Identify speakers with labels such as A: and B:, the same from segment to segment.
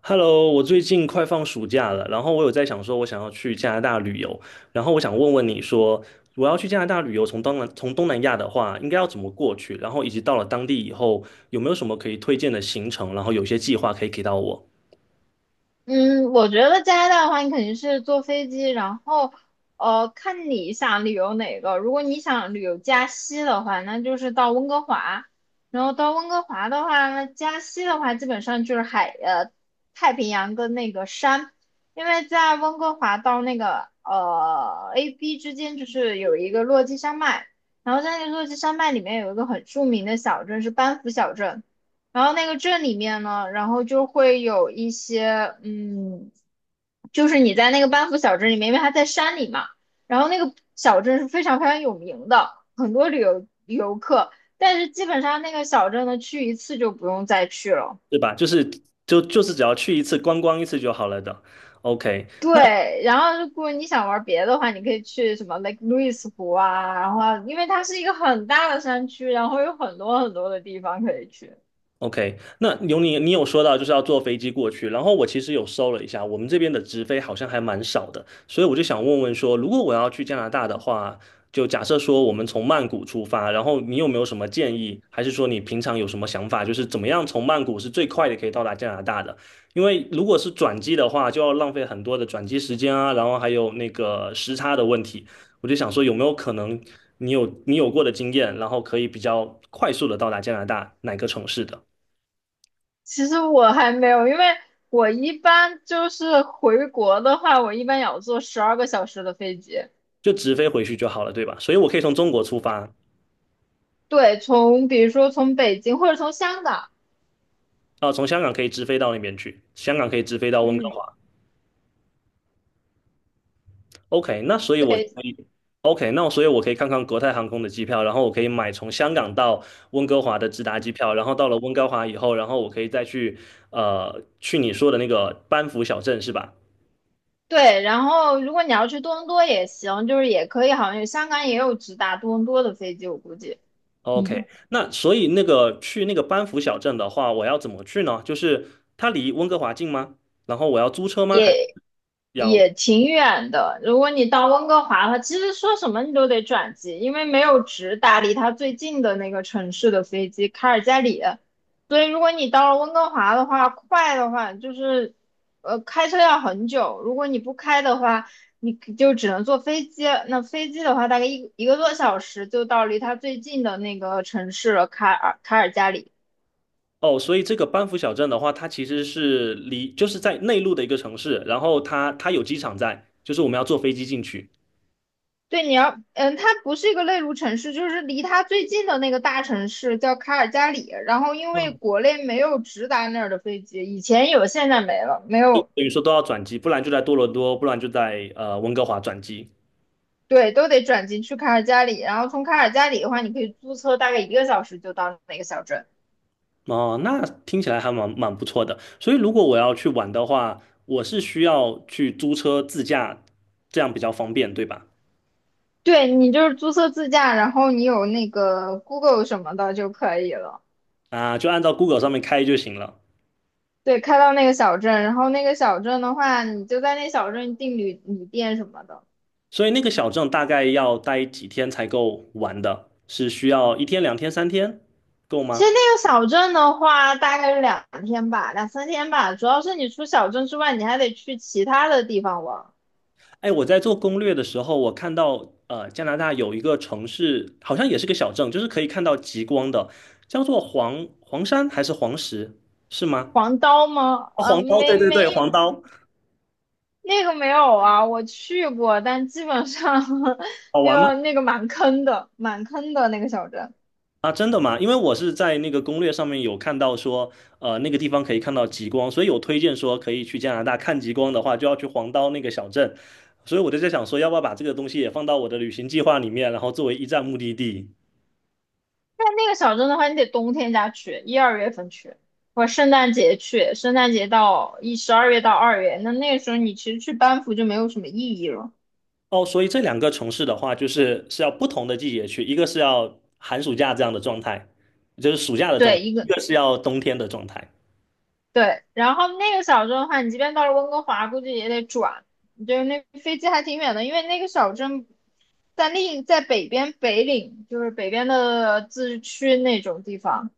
A: Hello，我最近快放暑假了，然后我有在想说，我想要去加拿大旅游，然后我想问问你说，我要去加拿大旅游，从东南亚的话，应该要怎么过去？然后以及到了当地以后，有没有什么可以推荐的行程？然后有些计划可以给到我，
B: 嗯，我觉得加拿大的话，你肯定是坐飞机，然后看你想旅游哪个。如果你想旅游加西的话，那就是到温哥华，然后到温哥华的话，那加西的话基本上就是太平洋跟那个山，因为在温哥华到那个AB 之间就是有一个落基山脉，然后在那个落基山脉里面有一个很著名的小镇是班夫小镇。然后那个镇里面呢，然后就会有一些，就是你在那个班夫小镇里面，因为它在山里嘛，然后那个小镇是非常非常有名的，很多旅游游客，但是基本上那个小镇呢，去一次就不用再去了。
A: 对吧？就是只要去一次观光一次就好了的。OK。
B: 对，然后如果你想玩别的话，你可以去什么 Lake Louise 湖啊，然后啊因为它是一个很大的山区，然后有很多很多的地方可以去。
A: OK，那有你，你有说到就是要坐飞机过去，然后我其实有搜了一下，我们这边的直飞好像还蛮少的，所以我就想问问说，如果我要去加拿大的话，就假设说我们从曼谷出发，然后你有没有什么建议，还是说你平常有什么想法，就是怎么样从曼谷是最快的可以到达加拿大的？因为如果是转机的话，就要浪费很多的转机时间啊，然后还有那个时差的问题，我就想说有没有可能你有过的经验，然后可以比较快速的到达加拿大哪个城市的？
B: 其实我还没有，因为我一般就是回国的话，我一般也要坐12个小时的飞机。
A: 就直飞回去就好了，对吧？所以我可以从中国出发。
B: 对，从比如说从北京或者从香港，
A: 啊，从香港可以直飞到那边去，香港可以直飞到温哥
B: 嗯，
A: 华。OK，那所以我就
B: 对，
A: 可以。OK，那所以我可以看看国泰航空的机票，然后我可以买从香港到温哥华的直达机票，然后到了温哥华以后，然后我可以再去去你说的那个班夫小镇是吧
B: 对。然后如果你要去多伦多也行，就是也可以，好像有香港也有直达多伦多的飞机，我估计。嗯，
A: ？OK，那所以那个去那个班夫小镇的话，我要怎么去呢？就是它离温哥华近吗？然后我要租车吗？还
B: 也
A: 要？
B: 也挺远的。如果你到温哥华的话，其实说什么你都得转机，因为没有直达离它最近的那个城市的飞机，卡尔加里。所以如果你到了温哥华的话，快的话就是，开车要很久。如果你不开的话，你就只能坐飞机。那飞机的话，大概一个多小时就到离它最近的那个城市了，卡尔加里。
A: 哦，所以这个班夫小镇的话，它其实是离就是在内陆的一个城市，然后它有机场在，就是我们要坐飞机进去，
B: 对，你要，嗯，它不是一个内陆城市，就是离它最近的那个大城市叫卡尔加里。然后因为
A: 嗯，
B: 国内没有直达那儿的飞机，以前有，现在没了，没有，
A: 等于说都要转机，不然就在多伦多，不然就在温哥华转机。
B: 对，都得转机去卡尔加里。然后从卡尔加里的话，你可以租车，大概一个小时就到那个小镇。
A: 哦，那听起来还蛮不错的。所以如果我要去玩的话，我是需要去租车自驾，这样比较方便，对吧？
B: 对，你就是租车自驾，然后你有那个 Google 什么的就可以了。
A: 啊，就按照 Google 上面开就行了。
B: 对，开到那个小镇，然后那个小镇的话，你就在那小镇订旅店什么的。
A: 所以那个小镇大概要待几天才够玩的？是需要一天、两天、三天够
B: 其
A: 吗？
B: 实那个小镇的话，大概是两天吧，两三天吧。主要是你除小镇之外，你还得去其他的地方玩。
A: 哎，我在做攻略的时候，我看到加拿大有一个城市，好像也是个小镇，就是可以看到极光的，叫做黄山还是黄石，是吗？
B: 黄刀吗？
A: 哦
B: 呃，
A: 黄刀，
B: 没
A: 对对
B: 没，
A: 对，黄刀，
B: 那个没有啊，我去过，但基本上
A: 好
B: 那
A: 玩吗？
B: 个那个蛮坑的，蛮坑的那个小镇。
A: 啊，真的吗？因为我是在那个攻略上面有看到说，呃，那个地方可以看到极光，所以有推荐说可以去加拿大看极光的话，就要去黄刀那个小镇，所以我就在想说，要不要把这个东西也放到我的旅行计划里面，然后作为一站目的地。
B: 但那个小镇的话，你得冬天家去，一二月份去，或者圣诞节去，圣诞节到12月到2月，那那个时候你其实去班夫就没有什么意义了。
A: 哦，所以这两个城市的话，就是是要不同的季节去，一个是要寒暑假这样的状态，就是暑假的状态，
B: 对，一
A: 一
B: 个
A: 个是要冬天的状态。
B: 对，然后那个小镇的话，你即便到了温哥华，估计也得转，就是那飞机还挺远的，因为那个小镇在北边北岭，就是北边的自治区那种地方。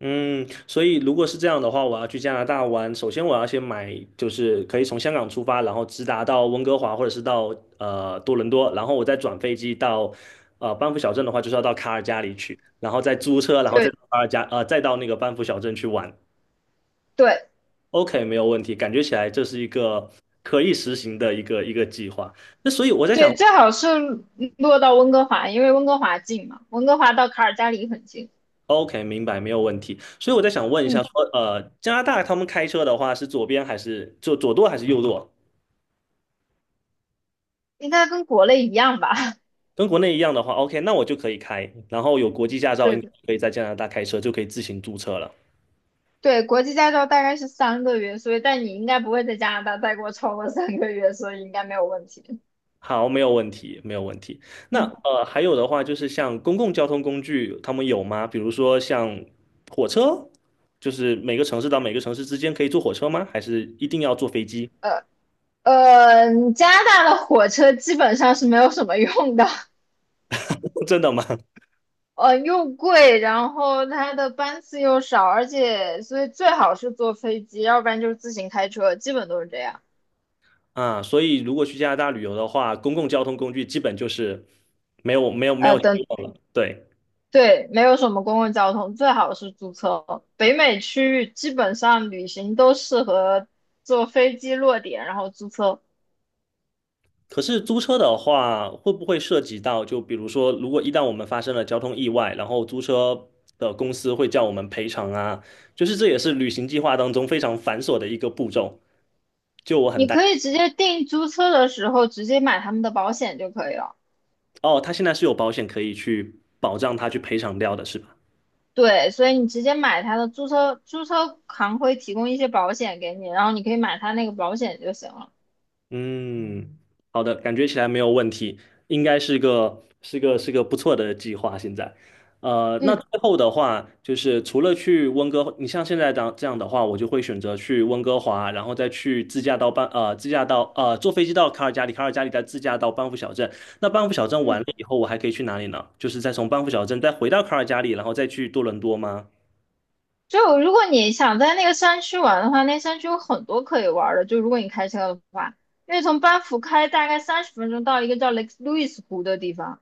A: 嗯，所以如果是这样的话，我要去加拿大玩，首先我要先买，就是可以从香港出发，然后直达到温哥华或者是到多伦多，然后我再转飞机到班夫小镇的话，就是要到卡尔加里去，然后再租车，然后再
B: 对
A: 到卡尔加呃再到那个班夫小镇去玩。
B: 对
A: OK，没有问题，感觉起来这是一个可以实行的一个计划。那所以我在想
B: 对，最好是落到温哥华，因为温哥华近嘛，温哥华到卡尔加里很近。
A: ，OK，明白，没有问题。所以我在想问一下
B: 嗯，
A: 说，呃，加拿大他们开车的话是左边还是就左舵还是右舵？
B: 应该跟国内一样吧？
A: 跟国内一样的话，OK，那我就可以开，然后有国际驾 照，
B: 对
A: 应该
B: 对
A: 可以在加拿大开车，就可以自行注册了。
B: 对，国际驾照大概是三个月，所以但你应该不会在加拿大待过超过三个月，所以应该没有问题。
A: 好，没有问题，没有问题。那
B: 嗯。
A: 还有的话就是像公共交通工具，他们有吗？比如说像火车，就是每个城市到每个城市之间可以坐火车吗？还是一定要坐飞机？
B: 呃，呃，加拿大的火车基本上是没有什么用的，
A: 真的吗？
B: 又贵，然后它的班次又少，而且所以最好是坐飞机，要不然就是自行开车，基本都是这样。
A: 啊，所以如果去加拿大旅游的话，公共交通工具基本就是没有没有没
B: 呃，
A: 有希
B: 等，
A: 望了。对。
B: 对，没有什么公共交通，最好是租车。北美区域基本上旅行都适合坐飞机落点，然后租车。
A: 可是租车的话，会不会涉及到，就比如说，如果一旦我们发生了交通意外，然后租车的公司会叫我们赔偿啊？就是这也是旅行计划当中非常繁琐的一个步骤。就我很
B: 你
A: 担。
B: 可以直接订租车的时候直接买他们的保险就可以了。
A: 哦，他现在是有保险可以去保障他去赔偿掉的，是吧？
B: 对，所以你直接买它的租车，租车行会提供一些保险给你，然后你可以买它那个保险就行了。
A: 嗯，好的，感觉起来没有问题，应该是个是个是个不错的计划。现在，那
B: 嗯
A: 最后的话，就是除了去温哥，你像现在这样的话，我就会选择去温哥华，然后再去自驾到班，自驾到坐飞机到卡尔加里，卡尔加里再自驾到班夫小镇。那班夫小镇完
B: 嗯，
A: 了以后，我还可以去哪里呢？就是再从班夫小镇再回到卡尔加里，然后再去多伦多吗？
B: 就如果你想在那个山区玩的话，那山区有很多可以玩的。就如果你开车的话，因为从班夫开大概30分钟到一个叫雷 a k e l o 湖的地方，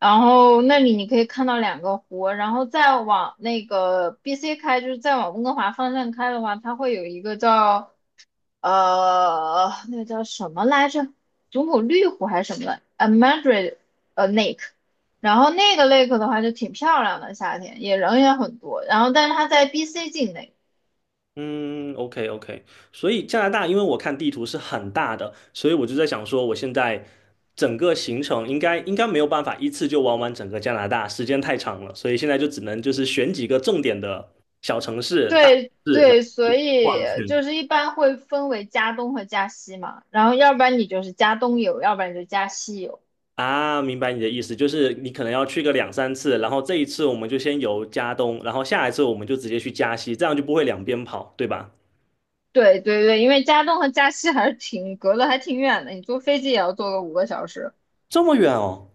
B: 然后那里你可以看到两个湖，然后再往那个 BC 开，就是再往温哥华方向开的话，它会有一个叫那个叫什么来着？祖母绿湖还是什么来呃 Madrid Lake，然后那个 lake 的话就挺漂亮的，夏天也人也很多。然后，但是它在 BC 境内，
A: 嗯，OK OK，所以加拿大，因为我看地图是很大的，所以我就在想说，我现在整个行程应该没有办法一次就玩完整个加拿大，时间太长了，所以现在就只能就是选几个重点的小城市、大城
B: 对
A: 市，然后
B: 对，所
A: 去
B: 以
A: 逛去。
B: 就是一般会分为加东和加西嘛。然后，要不然你就是加东游，要不然你就加西游。
A: 啊，明白你的意思，就是你可能要去个两三次，然后这一次我们就先游加东，然后下一次我们就直接去加西，这样就不会两边跑，对吧？
B: 对对对，因为加东和加西还是挺隔得还挺远的，你坐飞机也要坐个五个小时。
A: 这么远哦。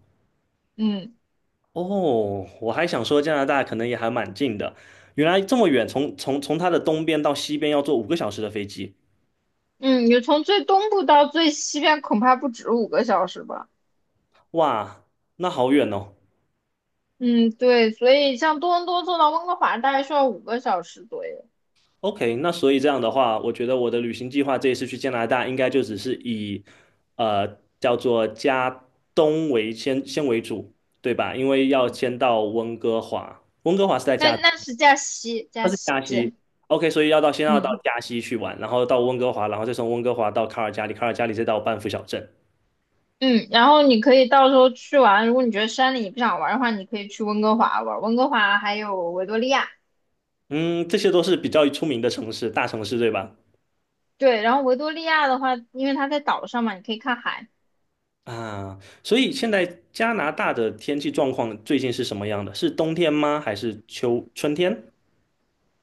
B: 嗯。
A: 哦，我还想说加拿大可能也还蛮近的，原来这么远，从它的东边到西边要坐5个小时的飞机，
B: 嗯，你从最东部到最西边恐怕不止五个小时吧？
A: 哇，那好远哦。
B: 嗯，对，所以像多伦多坐到温哥华大概需要五个小时左右。
A: OK，那所以这样的话，我觉得我的旅行计划这一次去加拿大应该就只是以呃叫做加东为先为主，对吧？因为要先到温哥华，温哥华是在
B: 那
A: 加，
B: 那是加西，
A: 那
B: 加
A: 是
B: 西，
A: 加西。OK，所以要到先要到
B: 嗯
A: 加西去玩，然后到温哥华，然后再从温哥华到卡尔加里，卡尔加里再到班夫小镇。
B: 嗯。然后你可以到时候去玩，如果你觉得山里你不想玩的话，你可以去温哥华玩。温哥华还有维多利亚，
A: 嗯，这些都是比较出名的城市，大城市对吧？
B: 对。然后维多利亚的话，因为它在岛上嘛，你可以看海。
A: 啊，所以现在加拿大的天气状况最近是什么样的？是冬天吗？还是秋春天？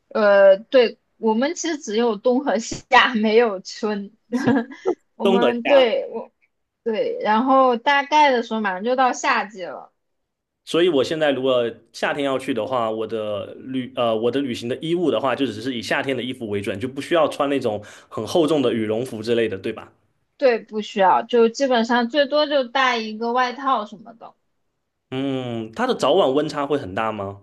B: 对，我们其实只有冬和夏，没有春。我
A: 冬和
B: 们
A: 夏。
B: 对我对，然后大概的时候马上就到夏季了，
A: 所以我现在如果夏天要去的话，我的旅行的衣物的话，就只是以夏天的衣服为准，就不需要穿那种很厚重的羽绒服之类的，对吧？
B: 对，不需要，就基本上最多就带一个外套什么的。
A: 嗯，它的早晚温差会很大吗？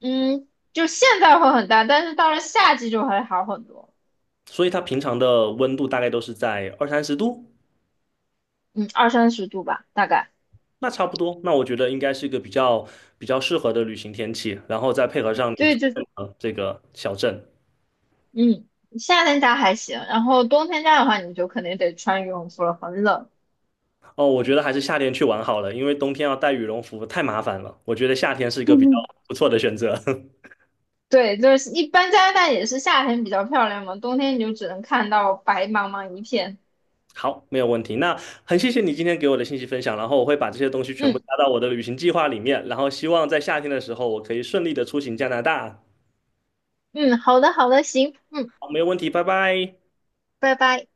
B: 嗯，就现在会很大，但是到了夏季就会好很多。
A: 所以它平常的温度大概都是在二三十度。
B: 嗯，二三十度吧，大概。
A: 那差不多，那我觉得应该是一个比较适合的旅行天气，然后再配合上你推
B: 对，
A: 荐的这个小镇。
B: 嗯，夏天家还行，然后冬天家的话，你就肯定得穿羽绒服了，很冷。
A: 哦，我觉得还是夏天去玩好了，因为冬天要带羽绒服太麻烦了。我觉得夏天是一个比较
B: 嗯
A: 不错的选择。
B: 对，就是一般加拿大也是夏天比较漂亮嘛，冬天你就只能看到白茫茫一片。
A: 好，没有问题。那很谢谢你今天给我的信息分享，然后我会把这些东西全部
B: 嗯
A: 加到我的旅行计划里面，然后希望在夏天的时候我可以顺利的出行加拿大。
B: 嗯，好的好的，行，嗯，
A: 好，没有问题，拜拜。
B: 拜拜。